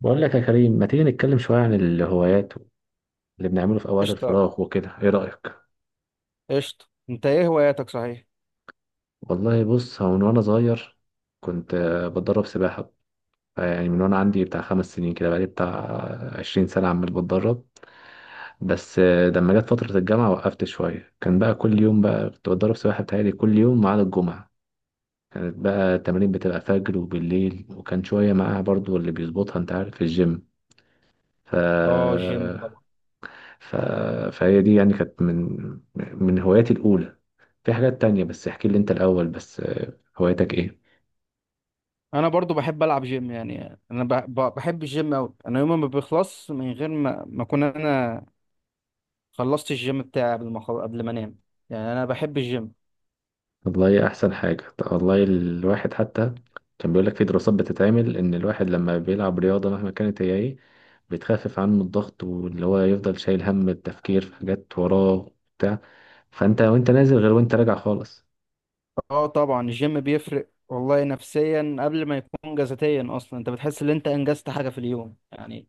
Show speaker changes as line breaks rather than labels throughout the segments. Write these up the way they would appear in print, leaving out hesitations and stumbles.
بقول لك يا كريم ما تيجي نتكلم شوية عن الهوايات اللي بنعمله في أوقات
قشطة
الفراغ وكده إيه رأيك؟
قشطة. انت ايه هواياتك؟ صحيح،
والله بص هو من وأنا صغير كنت بتدرب سباحة. يعني من وأنا عندي بتاع خمس سنين كده بقالي بتاع عشرين سنة عمال بتدرب. بس لما جت فترة الجامعة وقفت شوية، كان بقى كل يوم، بقى كنت بتدرب سباحة بتهيألي كل يوم ما عدا الجمعة. كانت بقى التمارين بتبقى فجر وبالليل، وكان شوية معاها برضو اللي بيظبطها أنت عارف في الجيم. ف...
اه الجيم طبعا.
ف... فهي دي يعني كانت من هواياتي الأولى. في حاجات تانية، بس احكي لي انت الأول. بس هوايتك ايه؟
انا برضو بحب العب جيم، يعني انا بحب الجيم اوي. انا يوم ما بيخلص من غير ما اكون انا خلصت الجيم بتاعي قبل ما قبل ما انام، يعني انا بحب الجيم.
والله أحسن حاجة. طب والله الواحد حتى كان بيقولك في دراسات بتتعمل إن الواحد لما بيلعب رياضة مهما كانت هي ايه، بتخفف عنه الضغط، واللي هو يفضل شايل هم التفكير في حاجات وراه بتاع فانت وانت نازل غير وانت راجع خالص.
اه طبعا الجيم بيفرق والله، نفسيا قبل ما يكون جسديا اصلا. انت بتحس ان انت انجزت حاجة في اليوم يعني،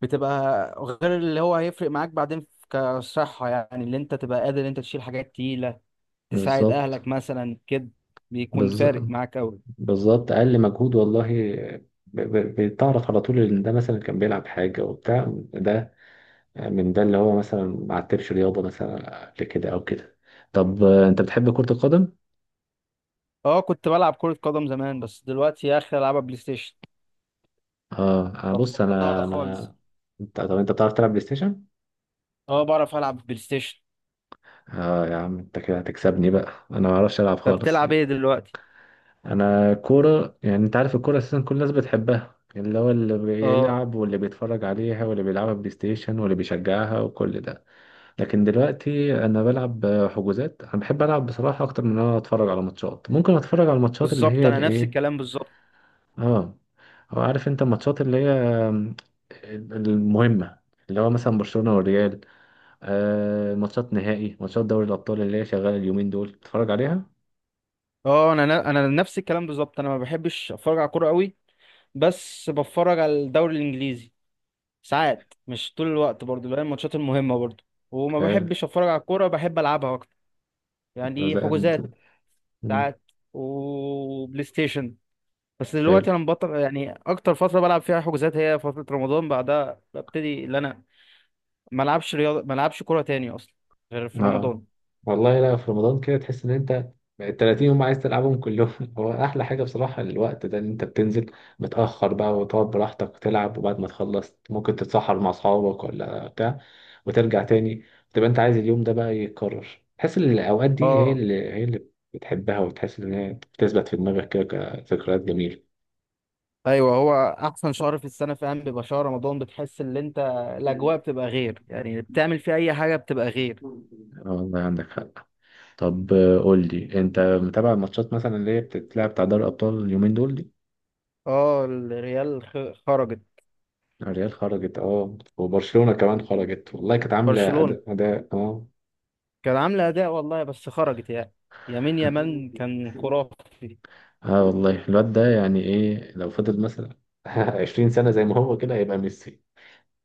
بتبقى غير. اللي هو هيفرق معاك بعدين كصحة، يعني اللي انت تبقى قادر انت تشيل حاجات تقيلة، تساعد
بالظبط.
اهلك مثلا كده، بيكون
بالظبط.
فارق معاك قوي.
بالظبط، أقل مجهود والله. بتعرف على طول إن ده مثلا كان بيلعب حاجة وبتاع، ده من ده اللي هو مثلا ما عتبش رياضة مثلا قبل كده أو كده. طب أنت بتحب كرة القدم؟
اه كنت بلعب كرة قدم زمان، بس دلوقتي يا اخي العبها بلاي ستيشن،
أه، أنا بص،
بطلتها
أنا
خالص.
أنا أنت طب أنت بتعرف تلعب بلاي ستيشن؟
اه بعرف العب بلاي ستيشن.
أه يا عم، أنت كده هتكسبني بقى، أنا ما بعرفش ألعب
طب
خالص.
بتلعب ايه دلوقتي؟
أنا كورة، يعني أنت عارف الكورة أساسا كل الناس بتحبها، اللي هو اللي
اه
بيلعب واللي بيتفرج عليها واللي بيلعبها بلاي ستيشن واللي بيشجعها وكل ده. لكن دلوقتي انا بلعب حجوزات، انا بحب العب بصراحه اكتر من ان انا اتفرج على ماتشات. ممكن اتفرج على الماتشات اللي
بالظبط،
هي
انا نفس
الايه.
الكلام بالظبط.
اه، هو عارف انت الماتشات اللي هي المهمة، اللي هو مثلا برشلونة والريال. آه، ماتشات نهائي، ماتشات دوري الأبطال اللي هي شغالة اليومين دول بتتفرج عليها.
اه انا نفس الكلام بالظبط. انا ما بحبش اتفرج على كوره قوي، بس بتفرج على الدوري الانجليزي ساعات، مش طول الوقت، برضو اللي هي الماتشات المهمه برضو. وما
حلو.
بحبش اتفرج على الكوره، بحب العبها اكتر. يعني
ده
إيه،
زي-
حجوزات
ده- مم.
ساعات، وبلاي ستيشن. بس دلوقتي
حلو.
انا مبطل، يعني اكتر فتره بلعب فيها حجوزات هي فتره رمضان، بعدها ببتدي ان انا ما العبش رياضه، ما العبش كوره تاني اصلا غير في
اه
رمضان.
والله، لا في رمضان كده تحس ان انت ال 30 يوم عايز تلعبهم كلهم. هو احلى حاجه بصراحه الوقت ده ان انت بتنزل متاخر بقى، وتقعد براحتك تلعب، وبعد ما تخلص ممكن تتسحر مع اصحابك ولا بتاع، وترجع تاني. تبقى انت عايز اليوم ده بقى يتكرر، تحس ان الاوقات دي هي
اه
اللي هي اللي بتحبها، وتحس ان هي بتثبت في دماغك كده كذكريات جميله.
ايوه، هو احسن شهر في السنه فعلا بيبقى شهر رمضان. بتحس ان انت الاجواء بتبقى غير، يعني بتعمل فيه اي حاجه بتبقى غير.
آه والله عندك حق. طب قول لي انت متابع الماتشات مثلا اللي هي بتتلعب بتاع دوري الابطال اليومين دول؟
اه الريال خرجت.
الريال خرجت، اه، وبرشلونة كمان خرجت، والله كانت عاملة
برشلونه
أداء اه.
كان عامله اداء والله، بس خرجت يعني. يمين يمان كان خرافي.
اه والله الواد ده يعني ايه، لو فضل مثلا 20 سنة زي ما هو كده هيبقى ميسي.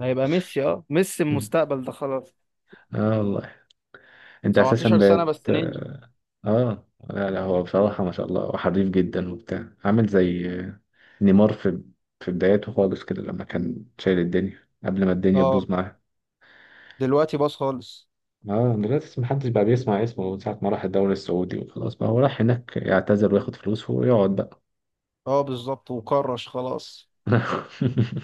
هيبقى ميسي، اه ميسي المستقبل ده خلاص.
اه والله. انت اساسا
17 سنه
بقت
بس نينجا.
اه. آه. لا لا، هو بصراحة ما شاء الله وحريف جدا وبتاع، عامل زي نيمار في بداياته خالص كده لما كان شايل الدنيا قبل ما الدنيا
اه
تبوظ معاه.
دلوقتي باص خالص.
اه دلوقتي محدش بقى بيسمع اسمه من ساعة ما راح الدوري السعودي، وخلاص بقى هو راح هناك يعتذر وياخد فلوسه ويقعد بقى.
اه بالظبط، وكرش خلاص.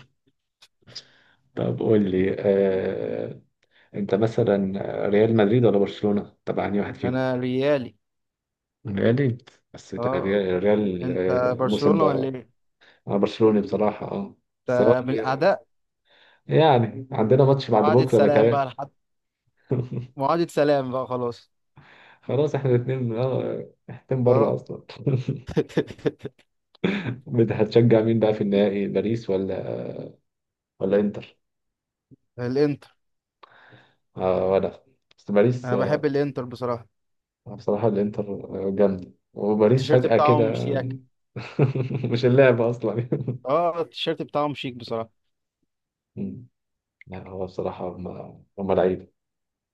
طب قول لي انت مثلا ريال مدريد ولا برشلونة؟ طبعا أنهي واحد فيهم؟
انا ريالي.
ريال. بس أنت
اه،
ريال،
انت
الموسم
برشلونة ولا
ده؟
ايه؟
انا برشلوني بصراحة اه، بس هو
انت من
ريال.
الاعداء.
يعني عندنا ماتش بعد
معاهدة
بكرة
سلام بقى
بيتهيألي.
لحد، معاهدة سلام بقى خلاص.
خلاص احنا الاثنين اه احنا بره
اه
اصلا. هتشجع مين بقى في النهائي، باريس ولا انتر؟
الانتر.
آه ولا، بس باريس
انا بحب
آه.
الانتر بصراحة.
بصراحة الإنتر جامدة، وباريس
التيشيرت
فجأة كده
بتاعهم شياك.
يعني. مش اللعبة أصلا.
اه التيشيرت بتاعهم شيك بصراحة.
مم. لا هو بصراحة هم لعيبة.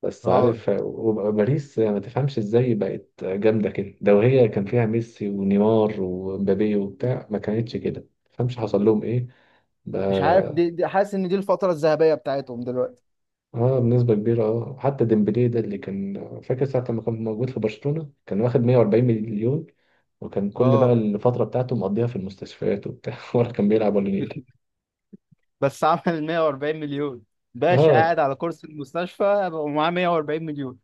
بس
اه
عارف وباريس ما تفهمش إزاي بقت جامدة كده. لو هي كان فيها ميسي ونيمار ومبابي وبتاع ما كانتش كده، ما تفهمش حصل لهم إيه
مش عارف،
بقى.
دي حاسس ان دي الفترة الذهبية بتاعتهم دلوقتي.
اه بنسبة كبيرة، اه، حتى ديمبلي ده اللي كان فاكر ساعة لما كان موجود في برشلونة كان واخد 140 مليون، وكان كل بقى
اه
الفترة بتاعته مقضيها في المستشفيات وبتاع. ولا كان بيلعب ولا نيل.
بس عمل 140 مليون، باشا
اه
قاعد على كرسي المستشفى ومعاه 140 مليون.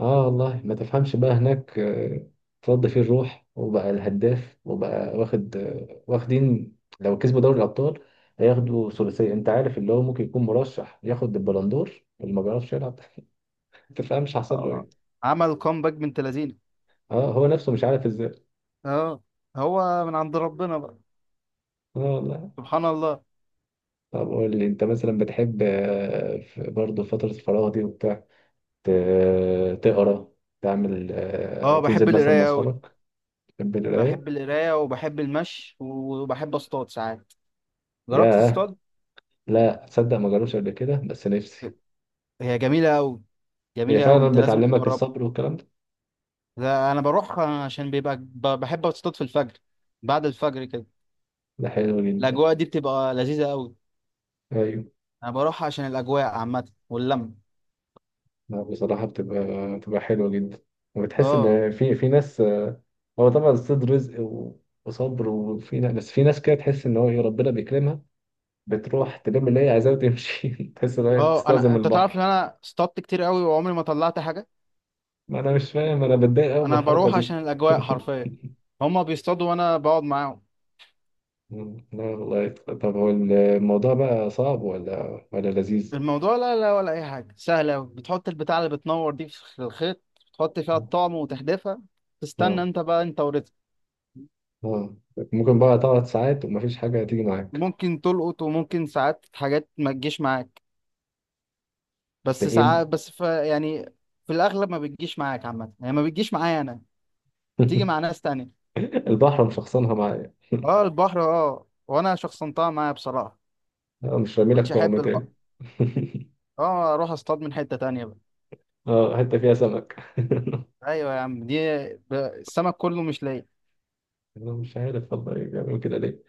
اه والله ما تفهمش بقى هناك اترد فيه الروح وبقى الهداف وبقى واخد واخدين لو كسبوا دوري الأبطال هياخدوا ثلاثية. انت عارف اللي هو ممكن يكون مرشح ياخد البلندور اللي ما بيعرفش يلعب. ما تفهمش حصل له ايه.
اه عمل كومباك بنت لذينه.
اه هو نفسه مش عارف ازاي.
اه هو من عند ربنا بقى.
اه والله.
سبحان الله.
طب قول لي انت مثلا بتحب برضه فترة الفراغ دي وبتاع تقرا، تعمل
اه بحب
تنزل مثلا مع
القرايه قوي.
اصحابك؟ تحب القراية.
بحب القرايه، وبحب المشي، وبحب اصطاد ساعات. جربت
ياه.
تصطاد؟
لا تصدق ما جربتش قبل كده بس نفسي.
هي جميله قوي،
هي
جميله قوي،
فعلا
انت لازم
بتعلمك
تجربها.
الصبر والكلام ده.
لا انا بروح عشان بيبقى بحب اصطاد في الفجر، بعد الفجر كده.
ده حلو جدا.
الاجواء دي بتبقى لذيذه قوي.
ايوه.
انا بروح عشان الاجواء عامه واللمه.
لا بصراحة بتبقى حلوة جدا، وبتحس
اه،
ان في ناس آه. هو طبعا الصيد رزق وصبر، وفي ناس، بس في ناس كده تحس ان هو ايه ربنا بيكرمها، بتروح تلم اللي هي عايزاه وتمشي. تحس ان هي
اه انا،
بتستلزم
انت تعرف ان
البحر.
انا اصطادت كتير قوي وعمري ما طلعت حاجه.
ما انا مش فاهم، انا بتضايق قوي من
انا
الحركه
بروح
دي.
عشان الاجواء حرفيا. هما بيصطادوا وانا بقعد معاهم.
مم. لا والله. طب هو الموضوع بقى صعب ولا لذيذ؟
الموضوع لا لا ولا اي حاجه، سهله أوي. بتحط البتاع اللي بتنور دي في الخيط، تحط فيها
مم.
الطعم وتحدفها،
اه.
تستنى انت بقى انت ورزقك.
اه. ممكن بقى تقعد ساعات ومفيش حاجه هتيجي معاك.
ممكن تلقط وممكن ساعات حاجات ما تجيش معاك،
ده
بس
ايه.
ساعات بس ف يعني في الاغلب ما بتجيش معاك عامه، يعني ما بتجيش معايا انا، تيجي مع ناس تانية.
البحر مشخصنها معايا.
اه البحر، اه وانا شخصنتها معايا بصراحه.
مش رامي
ما
لك
بقتش
طعم
احب البحر.
تاني.
اه اروح اصطاد من حته تانية بقى.
اه، حته فيها سمك.
ايوه يا عم، السمك كله مش ليا.
انا مش عارف والله بيعملوا كده ليه.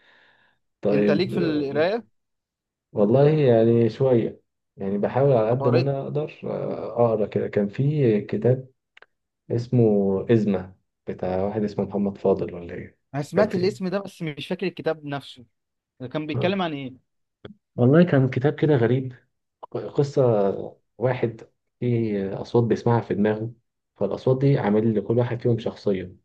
انت ليك
طيب
في القرايه؟
والله يعني شويه، يعني بحاول على
طب
قد ما
قريت؟
انا اقدر اقرا كده. كان في كتاب اسمه إزمة، بتاع واحد اسمه محمد فاضل ولا إيه.
انا
كان
سمعت
في إيه؟
الاسم ده بس مش فاكر الكتاب نفسه. ده كان بيتكلم
آه.
عن ايه؟
والله كان كتاب كده غريب. قصة واحد فيه أصوات بيسمعها في دماغه، فالأصوات دي عامل لكل واحد فيهم شخصية.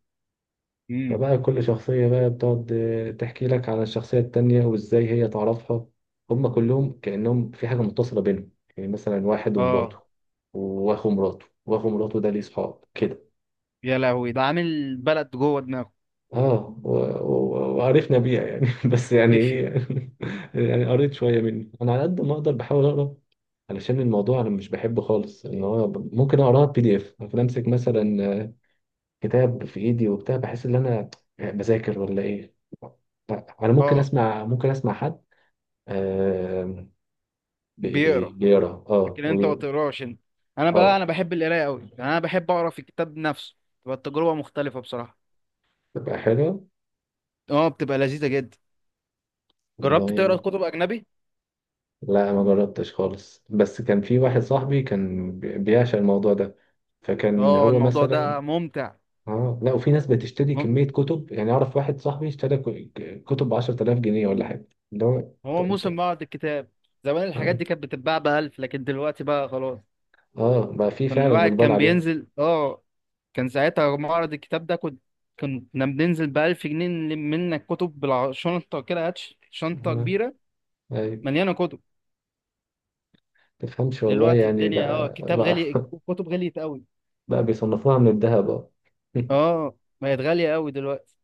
امم،
فبقى كل شخصية بقى بتقعد تحكي لك عن الشخصية التانية وإزاي هي تعرفها. هما كلهم كأنهم في حاجة متصلة بينهم. يعني مثلا واحد ومراته
اه
وأخو مراته، وأخو مراته ده ليه صحاب كده.
يا لهوي، ده عامل بلد جوه دماغه.
اه وعرفنا بيها يعني. بس يعني ايه يعني. يعني قريت شويه منه، انا على قد ما اقدر بحاول اقرا، علشان الموضوع انا مش بحبه خالص ان هو ممكن اقراها بي دي اف، ممكن امسك مثلا كتاب في ايدي وبتاع، بحس ان انا بذاكر ولا ايه. لا، انا ممكن
اه
اسمع، ممكن اسمع حد آه
بيقرا.
بيقرا اه
لكن انت ما تقراش انت؟ انا بقى
اه.
انا بحب القرايه قوي، يعني انا بحب اقرا في الكتاب نفسه، تبقى التجربه مختلفه بصراحه.
تبقى حلوه
اه بتبقى لذيذه جدا. جربت تقرا
والله.
كتب اجنبي؟
لا ما جربتش خالص، بس كان في واحد صاحبي كان بيعشق الموضوع ده، فكان
اه
هو
الموضوع ده
مثلا
ممتع.
اه. لا وفي ناس بتشتري
مم...
كمية كتب، يعني اعرف واحد صاحبي اشترى كتب ب 10,000 جنيه ولا حاجة اللي هو انت.
هو
انت-
موسم بعض الكتاب. زمان الحاجات
اه
دي كانت بتتباع بألف، لكن دلوقتي بقى خلاص.
بقى في
كان
فعلا
الواحد
اقبال
كان
عليها.
بينزل، اه كان ساعتها معرض الكتاب ده، كنت، كنا بننزل بألف جنيه نلم منك كتب بالشنطة كده، هات شنطة
آه،
كبيرة
ايوه.
مليانة كتب.
تفهمش والله
دلوقتي
يعني
الدنيا اه،
بقى
كتاب
بقى
غالي، كتب غليت قوي.
بقى بيصنفوها من الذهب اه.
اه بقت غالية قوي دلوقتي.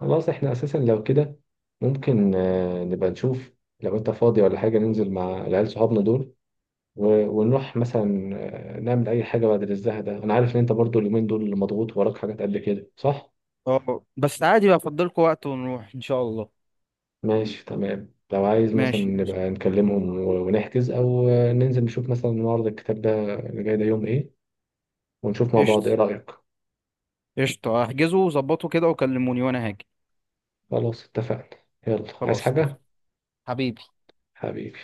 خلاص احنا اساسا لو كده ممكن نبقى نشوف، لو انت فاضي ولا حاجة ننزل مع العيال صحابنا دول ونروح مثلا نعمل اي حاجه بعد الزهق ده. انا عارف ان انت برضو اليومين دول مضغوط وراك حاجات قد كده، صح؟
اه بس عادي بقى، أفضلكوا وقت ونروح إن شاء الله.
ماشي تمام. لو عايز مثلا
ماشي
نبقى
قشطة.
نكلمهم ونحجز، او ننزل نشوف مثلا معرض الكتاب ده اللي جاي ده يوم ايه، ونشوف مع
قشطة
بعض، ايه رايك؟
قشطة. احجزوا وظبطوا كده وكلموني وأنا هاجي.
خلاص اتفقنا. يلا عايز
خلاص
حاجه؟
اتفقنا. حبيبي.
حبيبي.